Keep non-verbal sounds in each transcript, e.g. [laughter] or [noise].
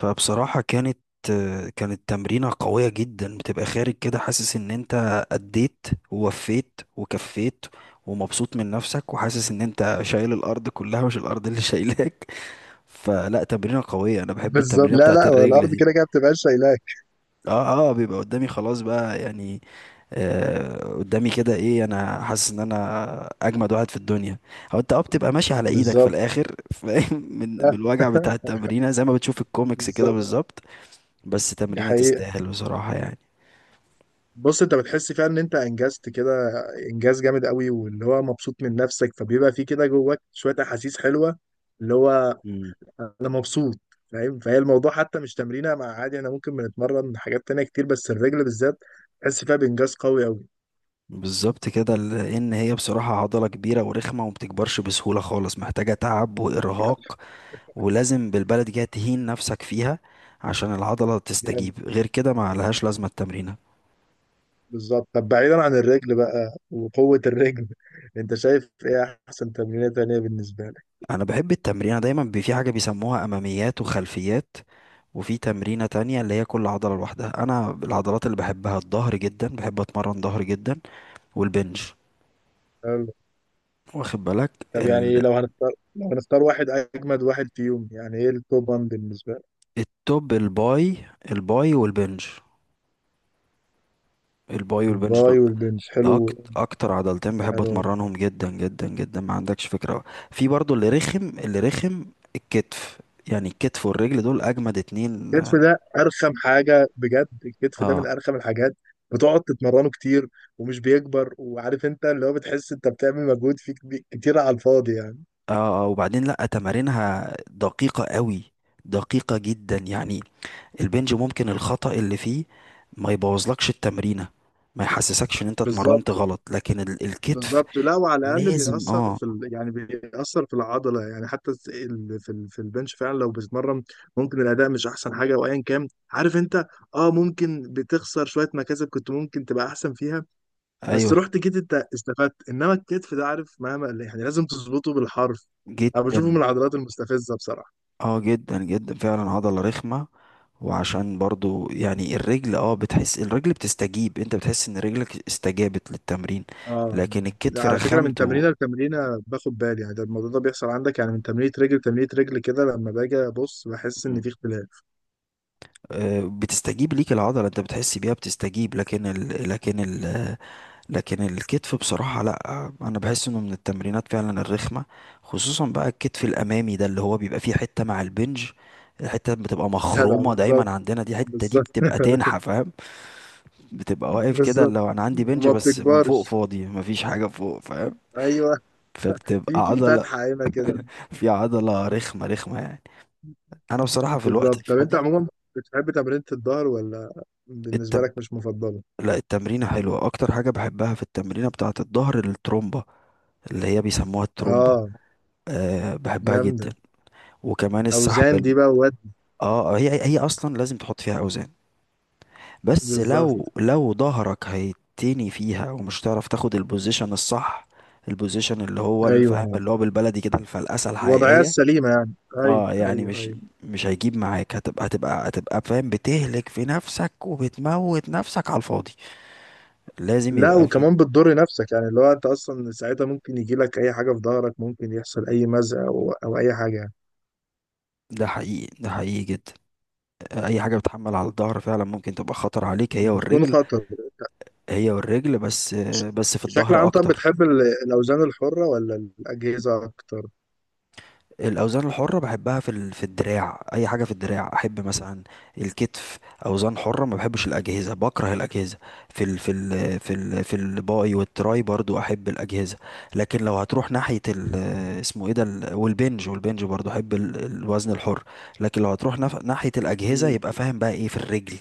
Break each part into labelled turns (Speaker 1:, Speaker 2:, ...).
Speaker 1: فبصراحة كانت تمرينة قوية جدا، بتبقى خارج كده حاسس ان انت أديت ووفيت وكفيت، ومبسوط من نفسك، وحاسس ان انت شايل الارض كلها مش الارض اللي شايلاك. [laughs] فلا، تمرينة قوية، انا بحب
Speaker 2: بالظبط.
Speaker 1: التمرينة
Speaker 2: لا
Speaker 1: بتاعت
Speaker 2: لا، هو
Speaker 1: الرجل
Speaker 2: الارض
Speaker 1: دي.
Speaker 2: كده كده بتبقى شايلاك.
Speaker 1: اه، اه، بيبقى قدامي خلاص بقى يعني. آه، قدامي كده ايه، انا حاسس ان انا اجمد واحد في الدنيا. او انت بتبقى ماشي على ايدك في
Speaker 2: بالظبط.
Speaker 1: الاخر، فاهم؟ [laughs] من الوجع بتاع
Speaker 2: [laughs]
Speaker 1: التمرينة زي ما بتشوف الكوميكس كده،
Speaker 2: بالظبط.
Speaker 1: بالظبط. بس
Speaker 2: دي
Speaker 1: تمرينة
Speaker 2: حقيقة.
Speaker 1: تستاهل بصراحة يعني.
Speaker 2: بص، انت بتحس فيها ان انت انجزت كده انجاز جامد قوي، واللي هو مبسوط من نفسك، فبيبقى في كده جواك شوية احاسيس حلوة اللي هو
Speaker 1: مم.
Speaker 2: انا مبسوط، فاهم؟ فهي الموضوع حتى مش تمرينة مع عادي، احنا ممكن بنتمرن حاجات تانية كتير بس الرجل بالذات تحس فيها بانجاز قوي قوي.
Speaker 1: بالظبط كده، لان هي بصراحة عضلة كبيرة ورخمة وما بتكبرش بسهولة خالص، محتاجة تعب وارهاق. ولازم بالبلد كده تهين نفسك فيها عشان العضلة
Speaker 2: جامد.
Speaker 1: تستجيب، غير كده ما لهاش لازمة التمرينة.
Speaker 2: بالظبط، طب بعيدا عن الرجل بقى وقوة الرجل، [laughs] انت شايف ايه احسن تمرينة تانية بالنسبة
Speaker 1: انا بحب التمرينة دايما، في حاجة بيسموها اماميات وخلفيات، وفي تمرينة تانية اللي هي كل عضلة لوحدها. انا العضلات اللي بحبها الظهر جدا، بحب اتمرن ظهر جدا، والبنج.
Speaker 2: لك؟
Speaker 1: واخد بالك؟
Speaker 2: طب يعني لو هنختار واحد اجمد واحد فيهم، يعني ايه التوب 1 بالنسبه لك؟
Speaker 1: التوب الباي. الباي والبنج. الباي والبنج
Speaker 2: الباي
Speaker 1: دول
Speaker 2: والبنش، حلو.
Speaker 1: اكتر عضلتين بحب
Speaker 2: حلو.
Speaker 1: اتمرنهم جدا جدا جدا، ما عندكش فكرة. في برضو اللي رخم، اللي رخم الكتف. يعني الكتف والرجل دول اجمد اتنين،
Speaker 2: الكتف
Speaker 1: اه.
Speaker 2: ده ارخم حاجه بجد، الكتف ده
Speaker 1: اه،
Speaker 2: من ارخم الحاجات، بتقعد تتمرنه كتير ومش بيكبر، وعارف انت اللي هو بتحس انت بتعمل مجهود فيه كتير على الفاضي يعني.
Speaker 1: آه وبعدين لا، تمارينها دقيقة قوي، دقيقة جدا يعني. البنج ممكن الخطأ اللي فيه ما يبوظلكش التمرينة، ما يحسسكش ان انت
Speaker 2: بالظبط.
Speaker 1: اتمرنت غلط، لكن الكتف
Speaker 2: بالظبط، لا، وعلى الاقل
Speaker 1: لازم.
Speaker 2: بيأثر
Speaker 1: اه.
Speaker 2: في ال... يعني بيأثر في العضله، يعني حتى في ال... في البنش فعلا لو بتتمرن ممكن الاداء مش احسن حاجه وايا كان، عارف انت، اه، ممكن بتخسر شويه مكاسب كنت ممكن تبقى احسن فيها، بس
Speaker 1: ايوه.
Speaker 2: رحت جيت انت استفدت. انما الكتف ده، عارف، مهما يعني لازم تظبطه بالحرف. انا بشوفه من
Speaker 1: جدا.
Speaker 2: العضلات المستفزه بصراحه.
Speaker 1: اه جدا جدا فعلا عضلة رخمة. وعشان برضو يعني الرجل، بتحس الرجل بتستجيب، انت بتحس ان رجلك استجابت للتمرين،
Speaker 2: اه.
Speaker 1: لكن
Speaker 2: ده
Speaker 1: الكتف
Speaker 2: على فكره من تمرينه
Speaker 1: رخمته.
Speaker 2: لتمرينه باخد بالي، يعني ده الموضوع ده بيحصل عندك؟ يعني من تمرينه رجل لتمرينه رجل كده لما باجي ابص بحس ان
Speaker 1: مم.
Speaker 2: في اختلاف.
Speaker 1: بتستجيب ليك العضلة، انت بتحس بيها بتستجيب، لكن الكتف بصراحة، لا انا بحس انه من التمرينات فعلا الرخمة، خصوصا بقى الكتف الامامي ده اللي هو بيبقى فيه حتة مع البنج. الحتة بتبقى
Speaker 2: [laughs] جدع،
Speaker 1: مخرومة دايما
Speaker 2: بالظبط.
Speaker 1: عندنا، دي الحتة دي
Speaker 2: بالظبط.
Speaker 1: بتبقى
Speaker 2: [laughs]
Speaker 1: تنحف. بتبقى واقف كده،
Speaker 2: بالظبط.
Speaker 1: لو انا عندي بنج
Speaker 2: وما
Speaker 1: بس من فوق
Speaker 2: بتكبرش.
Speaker 1: فاضي مفيش حاجة فوق، فاهم؟
Speaker 2: ايوه. [laughs]
Speaker 1: فبتبقى
Speaker 2: في
Speaker 1: عضلة.
Speaker 2: فتحه هنا كده.
Speaker 1: [laughs] في عضلة رخمة رخمة يعني. انا بصراحة في الوقت
Speaker 2: بالظبط، طب انت
Speaker 1: الفاضي،
Speaker 2: عموما بتحب تمرينة الظهر ولا بالنسبه
Speaker 1: التم...
Speaker 2: لك مش مفضله؟
Speaker 1: لا التمرينة حلوة. اكتر حاجة بحبها في التمرينة بتاعة الظهر الترومبة، اللي هي بيسموها الترومبة.
Speaker 2: اه
Speaker 1: أه، بحبها جدا.
Speaker 2: جامده.
Speaker 1: وكمان السحب
Speaker 2: اوزان دي بقى واد.
Speaker 1: اه هي اصلا لازم تحط فيها اوزان، بس لو
Speaker 2: بالظبط.
Speaker 1: لو ظهرك هيتني فيها ومش هتعرف تاخد البوزيشن الصح، البوزيشن اللي هو الفهم
Speaker 2: ايوه،
Speaker 1: اللي هو بالبلدي كده الفلقسه
Speaker 2: الوضعيه
Speaker 1: الحقيقيه.
Speaker 2: السليمه يعني. ايوه
Speaker 1: اه يعني
Speaker 2: ايوه
Speaker 1: مش
Speaker 2: ايوه.
Speaker 1: مش هيجيب معاك، هتبقى فاهم بتهلك في نفسك وبتموت نفسك على الفاضي. لازم
Speaker 2: لا،
Speaker 1: يبقى في.
Speaker 2: وكمان بتضر نفسك، يعني اللي هو انت اصلا ساعتها ممكن يجي لك اي حاجه في ظهرك، ممكن يحصل اي مزق او اي حاجه يعني.
Speaker 1: ده حقيقي، ده حقيقي جدا. اي حاجه بتحمل على الظهر فعلا ممكن تبقى خطر عليك، هي
Speaker 2: بتكون
Speaker 1: والرجل،
Speaker 2: خطر.
Speaker 1: هي والرجل بس.
Speaker 2: بش-
Speaker 1: بس في
Speaker 2: بشكل
Speaker 1: الظهر
Speaker 2: عام، طب
Speaker 1: اكتر.
Speaker 2: بتحب ال- الأوزان الحرة ولا الأجهزة أكتر؟
Speaker 1: الاوزان الحره بحبها في في الدراع، اي حاجه في الدراع احب، مثلا الكتف اوزان حره. ما بحبش الاجهزه، بكره الاجهزه. في الباي والتراي برضو احب الاجهزه. لكن لو هتروح ناحيه ال، اسمه ايه ده، والبنج، والبنج برضو احب الوزن الحر. لكن لو هتروح ناحيه الاجهزه،
Speaker 2: مم.
Speaker 1: يبقى فاهم بقى ايه؟ في الرجل،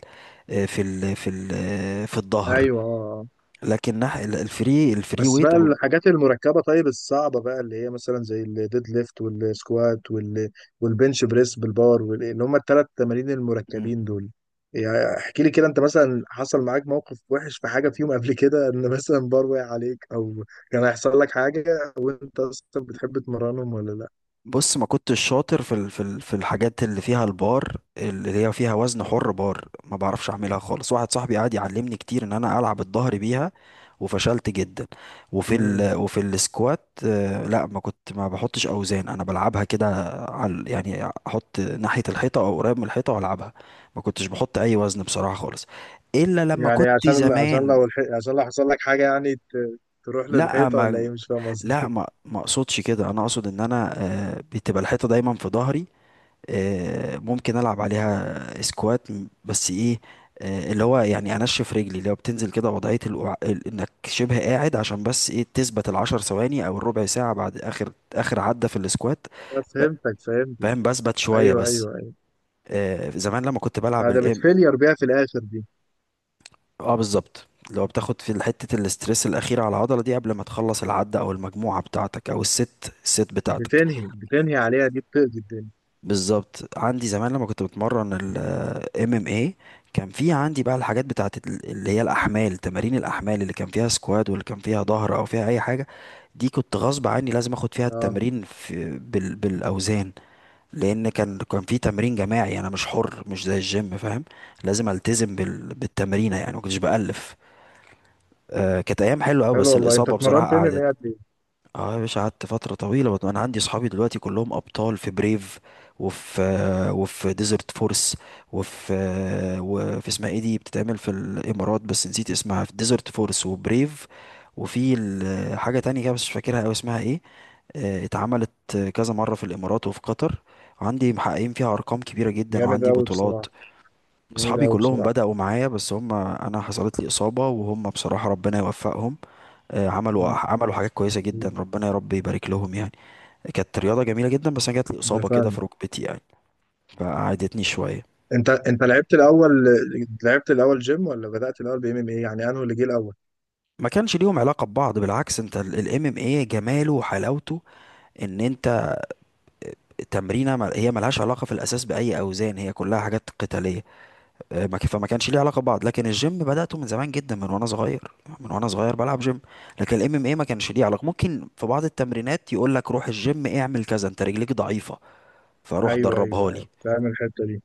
Speaker 1: في ال في ال في الظهر.
Speaker 2: أيوه. آه. آه.
Speaker 1: لكن الفري
Speaker 2: بس
Speaker 1: ويت
Speaker 2: بقى
Speaker 1: او
Speaker 2: الحاجات المركبة، طيب الصعبة بقى اللي هي مثلا زي الديد ليفت والسكوات وال... والبنش بريس بالبار وال... اللي هم الثلاث تمارين
Speaker 1: ال-
Speaker 2: المركبين دول. يعني احكي لي كده، انت مثلا حصل معاك موقف وحش في حاجة فيهم قبل كده؟ ان مثلا بار وقع عليك او كان هيحصل لك حاجة، وانت اصلا بتحب تمرنهم ولا لا؟
Speaker 1: بص، ما كنتش شاطر في في الحاجات اللي فيها البار، اللي هي فيها وزن حر بار، ما بعرفش اعملها خالص. واحد صاحبي قعد يعلمني كتير ان انا العب الظهر بيها، وفشلت جدا.
Speaker 2: مم.
Speaker 1: وفي السكوات، لا، ما بحطش اوزان، انا بلعبها كده، على يعني احط ناحية الحيطة او قريب من الحيطة والعبها، ما كنتش بحط اي وزن بصراحة خالص، الا لما
Speaker 2: يعني
Speaker 1: كنت
Speaker 2: عشان
Speaker 1: زمان.
Speaker 2: لو عشان لو حصل لك حاجة يعني تروح
Speaker 1: لا
Speaker 2: للحيطة ولا
Speaker 1: ما
Speaker 2: ايه، مش فاهم
Speaker 1: لا
Speaker 2: قصدك.
Speaker 1: ما ما اقصدش كده، انا اقصد ان انا، بتبقى الحيطة دايما في ظهري. ممكن العب عليها سكوات، بس ايه؟ اللي هو يعني انشف رجلي، اللي هو بتنزل كده وضعيه انك شبه قاعد، عشان بس ايه، تثبت العشر ثواني او الربع ساعه بعد اخر اخر عده في السكوات.
Speaker 2: [laughs] أنا
Speaker 1: ب-
Speaker 2: فهمتك فهمتك.
Speaker 1: فاهم، بثبت شويه
Speaker 2: ايوه
Speaker 1: بس.
Speaker 2: ايوه ايوه.
Speaker 1: زمان لما كنت بلعب
Speaker 2: آه، ده
Speaker 1: الام.
Speaker 2: بتفيلير بيها في الاخر دي.
Speaker 1: اه بالظبط، اللي هو بتاخد في حته الاسترس الاخيره على العضله دي قبل ما تخلص العده او المجموعه بتاعتك او الست بتاعتك.
Speaker 2: بتنهي بتنهي عليها دي، بتقضي الدنيا.
Speaker 1: بالظبط، عندي زمان لما كنت بتمرن ال ام ام اي، كان في عندي بقى الحاجات بتاعت اللي هي الاحمال، تمارين الاحمال اللي كان فيها سكواد واللي كان فيها ظهر او فيها اي حاجه، دي كنت غصب عني لازم اخد فيها
Speaker 2: اه.
Speaker 1: التمرين في بال بالاوزان. لان كان في تمرين جماعي، انا مش حر مش زي الجيم فاهم، لازم التزم بالتمرينه يعني، ما كنتش بالف. آه كانت ايام حلوه قوي،
Speaker 2: حلو
Speaker 1: بس
Speaker 2: والله، انت
Speaker 1: الاصابه
Speaker 2: اتمرنت
Speaker 1: بصراحه.
Speaker 2: ام ام ايه قد ايه؟
Speaker 1: اه يا باشا، قعدت فترة طويلة. انا عندي صحابي دلوقتي كلهم ابطال في بريف، وفي ديزرت فورس، وفي اسمها ايه دي بتتعمل في الامارات، بس نسيت اسمها، في ديزرت فورس وبريف. وفي حاجة تانية كده بس مش فاكرها أوي اسمها ايه. اتعملت كذا مرة في الامارات وفي قطر، وعندي محققين فيها ارقام كبيرة جدا،
Speaker 2: جامد
Speaker 1: وعندي
Speaker 2: قوي
Speaker 1: بطولات.
Speaker 2: بصراحة. جامد
Speaker 1: اصحابي
Speaker 2: قوي
Speaker 1: كلهم
Speaker 2: بصراحة.
Speaker 1: بدأوا معايا، بس انا حصلت لي اصابة، وهم بصراحة ربنا يوفقهم. عملوا حاجات كويسة جدا،
Speaker 2: مم.
Speaker 1: ربنا يا رب يبارك لهم يعني. كانت رياضة جميلة جدا، بس انا جات لي
Speaker 2: انا
Speaker 1: إصابة كده في
Speaker 2: فاهم.
Speaker 1: ركبتي يعني، فقعدتني شوية.
Speaker 2: انت لعبت الاول، لعبت الاول جيم ولا بدأت الاول بام ام ايه يعني، انه اللي جه الاول؟
Speaker 1: ما كانش ليهم علاقة ببعض، بالعكس انت الام ام ايه جماله وحلاوته ان انت، تمرينه هي ملهاش علاقة في الاساس باي اوزان، هي كلها حاجات قتالية. آه، ما ك- فما كانش ليه علاقة ببعض، لكن الجيم بدأته من زمان جدا، من وانا صغير، من وانا صغير بلعب جيم. لكن الام ام ايه ما كانش ليه علاقة، ممكن في بعض التمرينات يقول لك روح الجيم اعمل كذا انت رجليك ضعيفة، فروح
Speaker 2: ايوه ايوه
Speaker 1: دربها لي.
Speaker 2: أيوة. فاهم الحتة دي.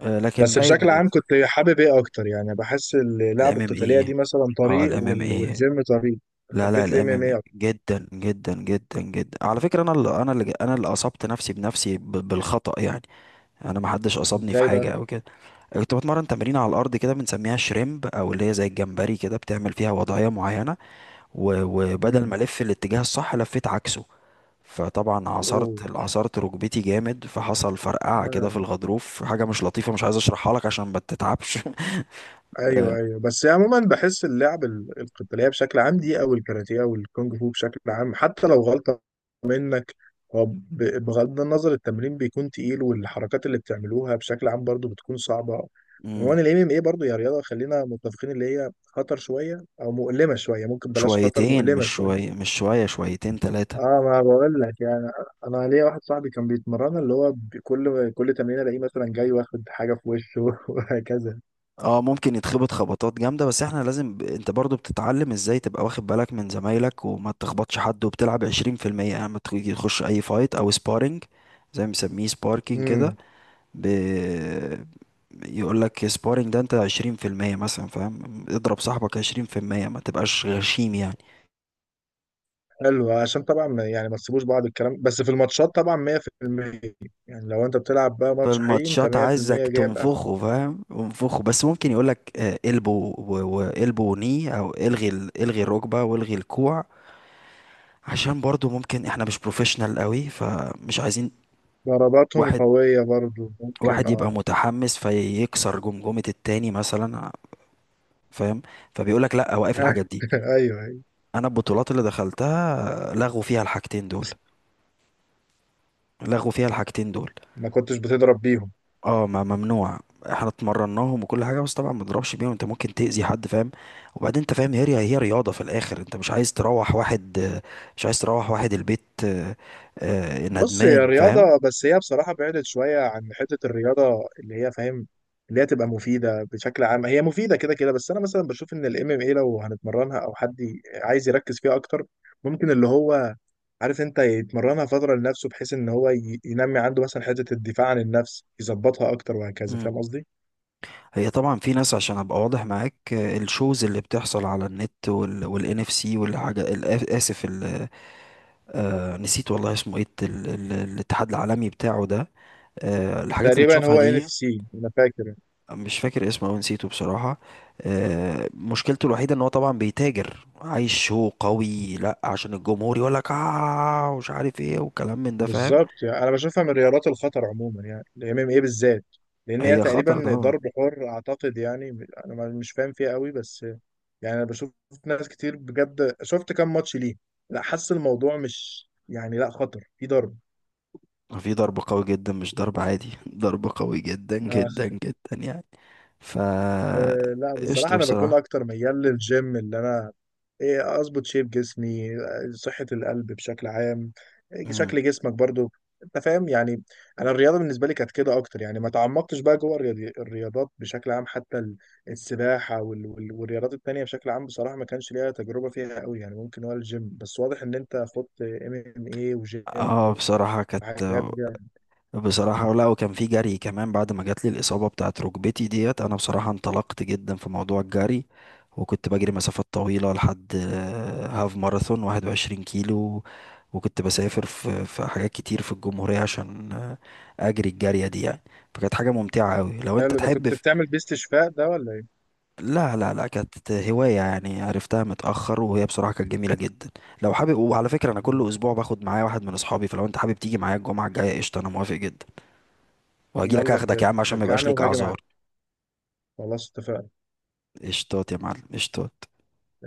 Speaker 1: لكن
Speaker 2: بس
Speaker 1: باقي
Speaker 2: بشكل عام
Speaker 1: الحاجات
Speaker 2: كنت حابب ايه اكتر يعني، بحس اللعبة
Speaker 1: الام ام
Speaker 2: القتالية
Speaker 1: اي.
Speaker 2: دي مثلا
Speaker 1: اه
Speaker 2: طريق
Speaker 1: الام ام
Speaker 2: وال...
Speaker 1: اي.
Speaker 2: والجيم طريق؟
Speaker 1: لا، لا،
Speaker 2: حبيت الام
Speaker 1: الام
Speaker 2: ام
Speaker 1: ام اي
Speaker 2: اي.
Speaker 1: جدا جدا جدا جدا، على فكره انا اللي اصبت نفسي بنفسي بالخطأ يعني. انا ما حدش اصابني في
Speaker 2: ازاي
Speaker 1: حاجه
Speaker 2: بقى؟
Speaker 1: او كده. كنت بتمرن تمرين على الارض كده بنسميها شريمب، او اللي هي زي الجمبري كده، بتعمل فيها وضعيه معينه، و- وبدل
Speaker 2: امم.
Speaker 1: ما الف الاتجاه الصح لفيت عكسه، فطبعا عصرت
Speaker 2: اوه.
Speaker 1: عصرت ركبتي جامد، فحصل فرقعه كده في
Speaker 2: آه.
Speaker 1: الغضروف، حاجه مش لطيفه، مش عايز اشرحها لك عشان ما تتعبش. [laughs]
Speaker 2: ايوه ايوه، بس عموما بحس اللعب القتالية بشكل عام دي او الكاراتيه او الكونج فو بشكل عام، حتى لو غلطة منك، هو بغض النظر التمرين بيكون تقيل، والحركات اللي بتعملوها بشكل عام برضو بتكون صعبة.
Speaker 1: آه،
Speaker 2: عموما الام ام اي برضه يا رياضة خلينا متفقين اللي هي خطر شوية او مؤلمة شوية، ممكن بلاش خطر،
Speaker 1: شويتين،
Speaker 2: مؤلمة شوية.
Speaker 1: مش شوية، شويتين، ثلاثة.
Speaker 2: اه، ما بقول لك يعني. انا ليا واحد صاحبي كان بيتمرن اللي هو كل تمرين الاقيه مثلا جاي واخد حاجه في وشه [laughs] وهكذا.
Speaker 1: اه ممكن يتخبط خبطات جامدة، بس احنا لازم، انت برضو بتتعلم ازاي تبقى واخد بالك من زمايلك وما تخبطش حد، وبتلعب 20% يعني لما تيجي تخش اي فايت او سبارينج، زي ما بيسميه سباركينج كده.
Speaker 2: امم.
Speaker 1: ب... يقول لك سبارينج، ده انت 20% مثلا فاهم، اضرب صاحبك 20%، ما تبقاش غشيم يعني.
Speaker 2: حلو، عشان طبعا يعني ما تسيبوش بعض الكلام، بس في الماتشات طبعا 100%، يعني لو انت بتلعب بقى
Speaker 1: في
Speaker 2: ماتش حقيقي انت
Speaker 1: الماتشات عايزك
Speaker 2: 100%. جايب اخر.
Speaker 1: تنفخه فاهم، انفخه، بس ممكن يقولك، البو والبو ني، او الغي الغي الركبه والغي الكوع، عشان برضو ممكن احنا مش بروفيشنال قوي، فمش عايزين
Speaker 2: ضرباتهم
Speaker 1: واحد
Speaker 2: قويه برضو، ممكن
Speaker 1: واحد يبقى
Speaker 2: اه.
Speaker 1: متحمس فيكسر جمجمه التاني مثلا فاهم، فبيقولك لا، وقف الحاجات دي.
Speaker 2: [laughs] ايوه ايوه.
Speaker 1: انا البطولات اللي دخلتها، لغوا فيها الحاجتين دول،
Speaker 2: بس
Speaker 1: لغوا فيها الحاجتين دول.
Speaker 2: ما كنتش بتضرب بيهم؟
Speaker 1: اه ما ممنوع، احنا اتمرناهم وكل حاجه بس طبعا ما تضربش بيهم، انت ممكن تاذي حد فاهم. وبعدين انت فاهم، هي رياضه في الاخر، انت مش عايز تروح واحد، البيت
Speaker 2: بص هي
Speaker 1: ندمان
Speaker 2: رياضة،
Speaker 1: فاهم.
Speaker 2: بس هي بصراحة بعدت شوية عن حتة الرياضة اللي هي فاهم، اللي هي تبقى مفيدة بشكل عام، هي مفيدة كده كده، بس أنا مثلا بشوف إن الام ام اي لو هنتمرنها أو حد عايز يركز فيها أكتر، ممكن اللي هو، عارف أنت، يتمرنها فترة لنفسه، بحيث إن هو ينمي عنده مثلا حتة الدفاع عن النفس، يظبطها أكتر وهكذا،
Speaker 1: مم.
Speaker 2: فاهم قصدي؟
Speaker 1: هي طبعا في ناس، عشان ابقى واضح معاك، الشوز اللي بتحصل على النت، والان اف سي، والحاجه، اسف، نسيت والله اسمه ايه، الاتحاد العالمي بتاعه ده. الحاجات اللي
Speaker 2: تقريبا
Speaker 1: بتشوفها
Speaker 2: هو ان اف
Speaker 1: دي،
Speaker 2: سي أنا فاكر.
Speaker 1: مش فاكر اسمه او نسيته بصراحة. مشكلته الوحيدة ان هو طبعا بيتاجر، عايز شو قوي لا عشان الجمهور يقول لك اه ومش عارف ايه، وكلام من ده فاهم.
Speaker 2: بالظبط، يعني انا بشوفها من رياضات الخطر عموما يعني الام ام ايه بالذات، لان هي
Speaker 1: هي خطر
Speaker 2: تقريبا
Speaker 1: طبعا،
Speaker 2: ضرب حر اعتقد يعني. انا مش فاهم فيها قوي، بس يعني انا بشوف ناس كتير بجد، شفت كام ماتش ليه، لا حاسس الموضوع مش يعني، لا، خطر في ضرب.
Speaker 1: في ضرب قوي جدا مش ضرب عادي. [laughs] ضرب قوي جدا
Speaker 2: آه.
Speaker 1: جدا جدا يعني، ف
Speaker 2: آه، لا بصراحة
Speaker 1: قشطة
Speaker 2: أنا بكون
Speaker 1: بصراحة.
Speaker 2: أكتر ميال للجيم، اللي أنا إيه أظبط شيب جسمي، آه، صحة القلب بشكل عام، آه،
Speaker 1: مم.
Speaker 2: شكل جسمك برضو. أنت فاهم يعني. أنا الرياضة بالنسبة لي كانت كده أكتر، يعني ما تعمقتش بقى جوه الرياضات بشكل عام، حتى السباحة والرياضات التانية بشكل عام، بصراحة ما كانش ليها تجربة فيها قوي يعني، ممكن هو الجيم بس، واضح إن أنت خدت ام ام ايه وجيم
Speaker 1: اه،
Speaker 2: وحاجات دي.
Speaker 1: بصراحة لا، وكان في جري كمان بعد ما جات لي الإصابة بتاعت ركبتي ديت. أنا بصراحة انطلقت جدا في موضوع الجري، وكنت بجري مسافات طويلة لحد، هاف ماراثون 21 كيلو، وكنت بسافر في حاجات كتير في الجمهورية عشان، أجري الجارية دي يعني. فكانت حاجة ممتعة أوي لو أنت
Speaker 2: حلو، ده
Speaker 1: تحب
Speaker 2: كنت بتعمل بيه استشفاء ده ولا إيه؟
Speaker 1: لا لا لا، كانت هواية يعني عرفتها متأخر، وهي بصراحة كانت جميلة جدا. لو حابب، وعلى فكرة أنا كل أسبوع باخد معايا واحد من أصحابي، فلو أنت حابب تيجي معايا الجمعة الجاية قشطة، أنا موافق جدا، وهجيلك
Speaker 2: يلا
Speaker 1: اخدك يا
Speaker 2: بجد
Speaker 1: عم عشان ما يبقاش
Speaker 2: شجعني
Speaker 1: ليك
Speaker 2: وهاجي
Speaker 1: اعذار.
Speaker 2: معاك. خلاص، اتفقنا.
Speaker 1: قشطات يا معلم، قشطات.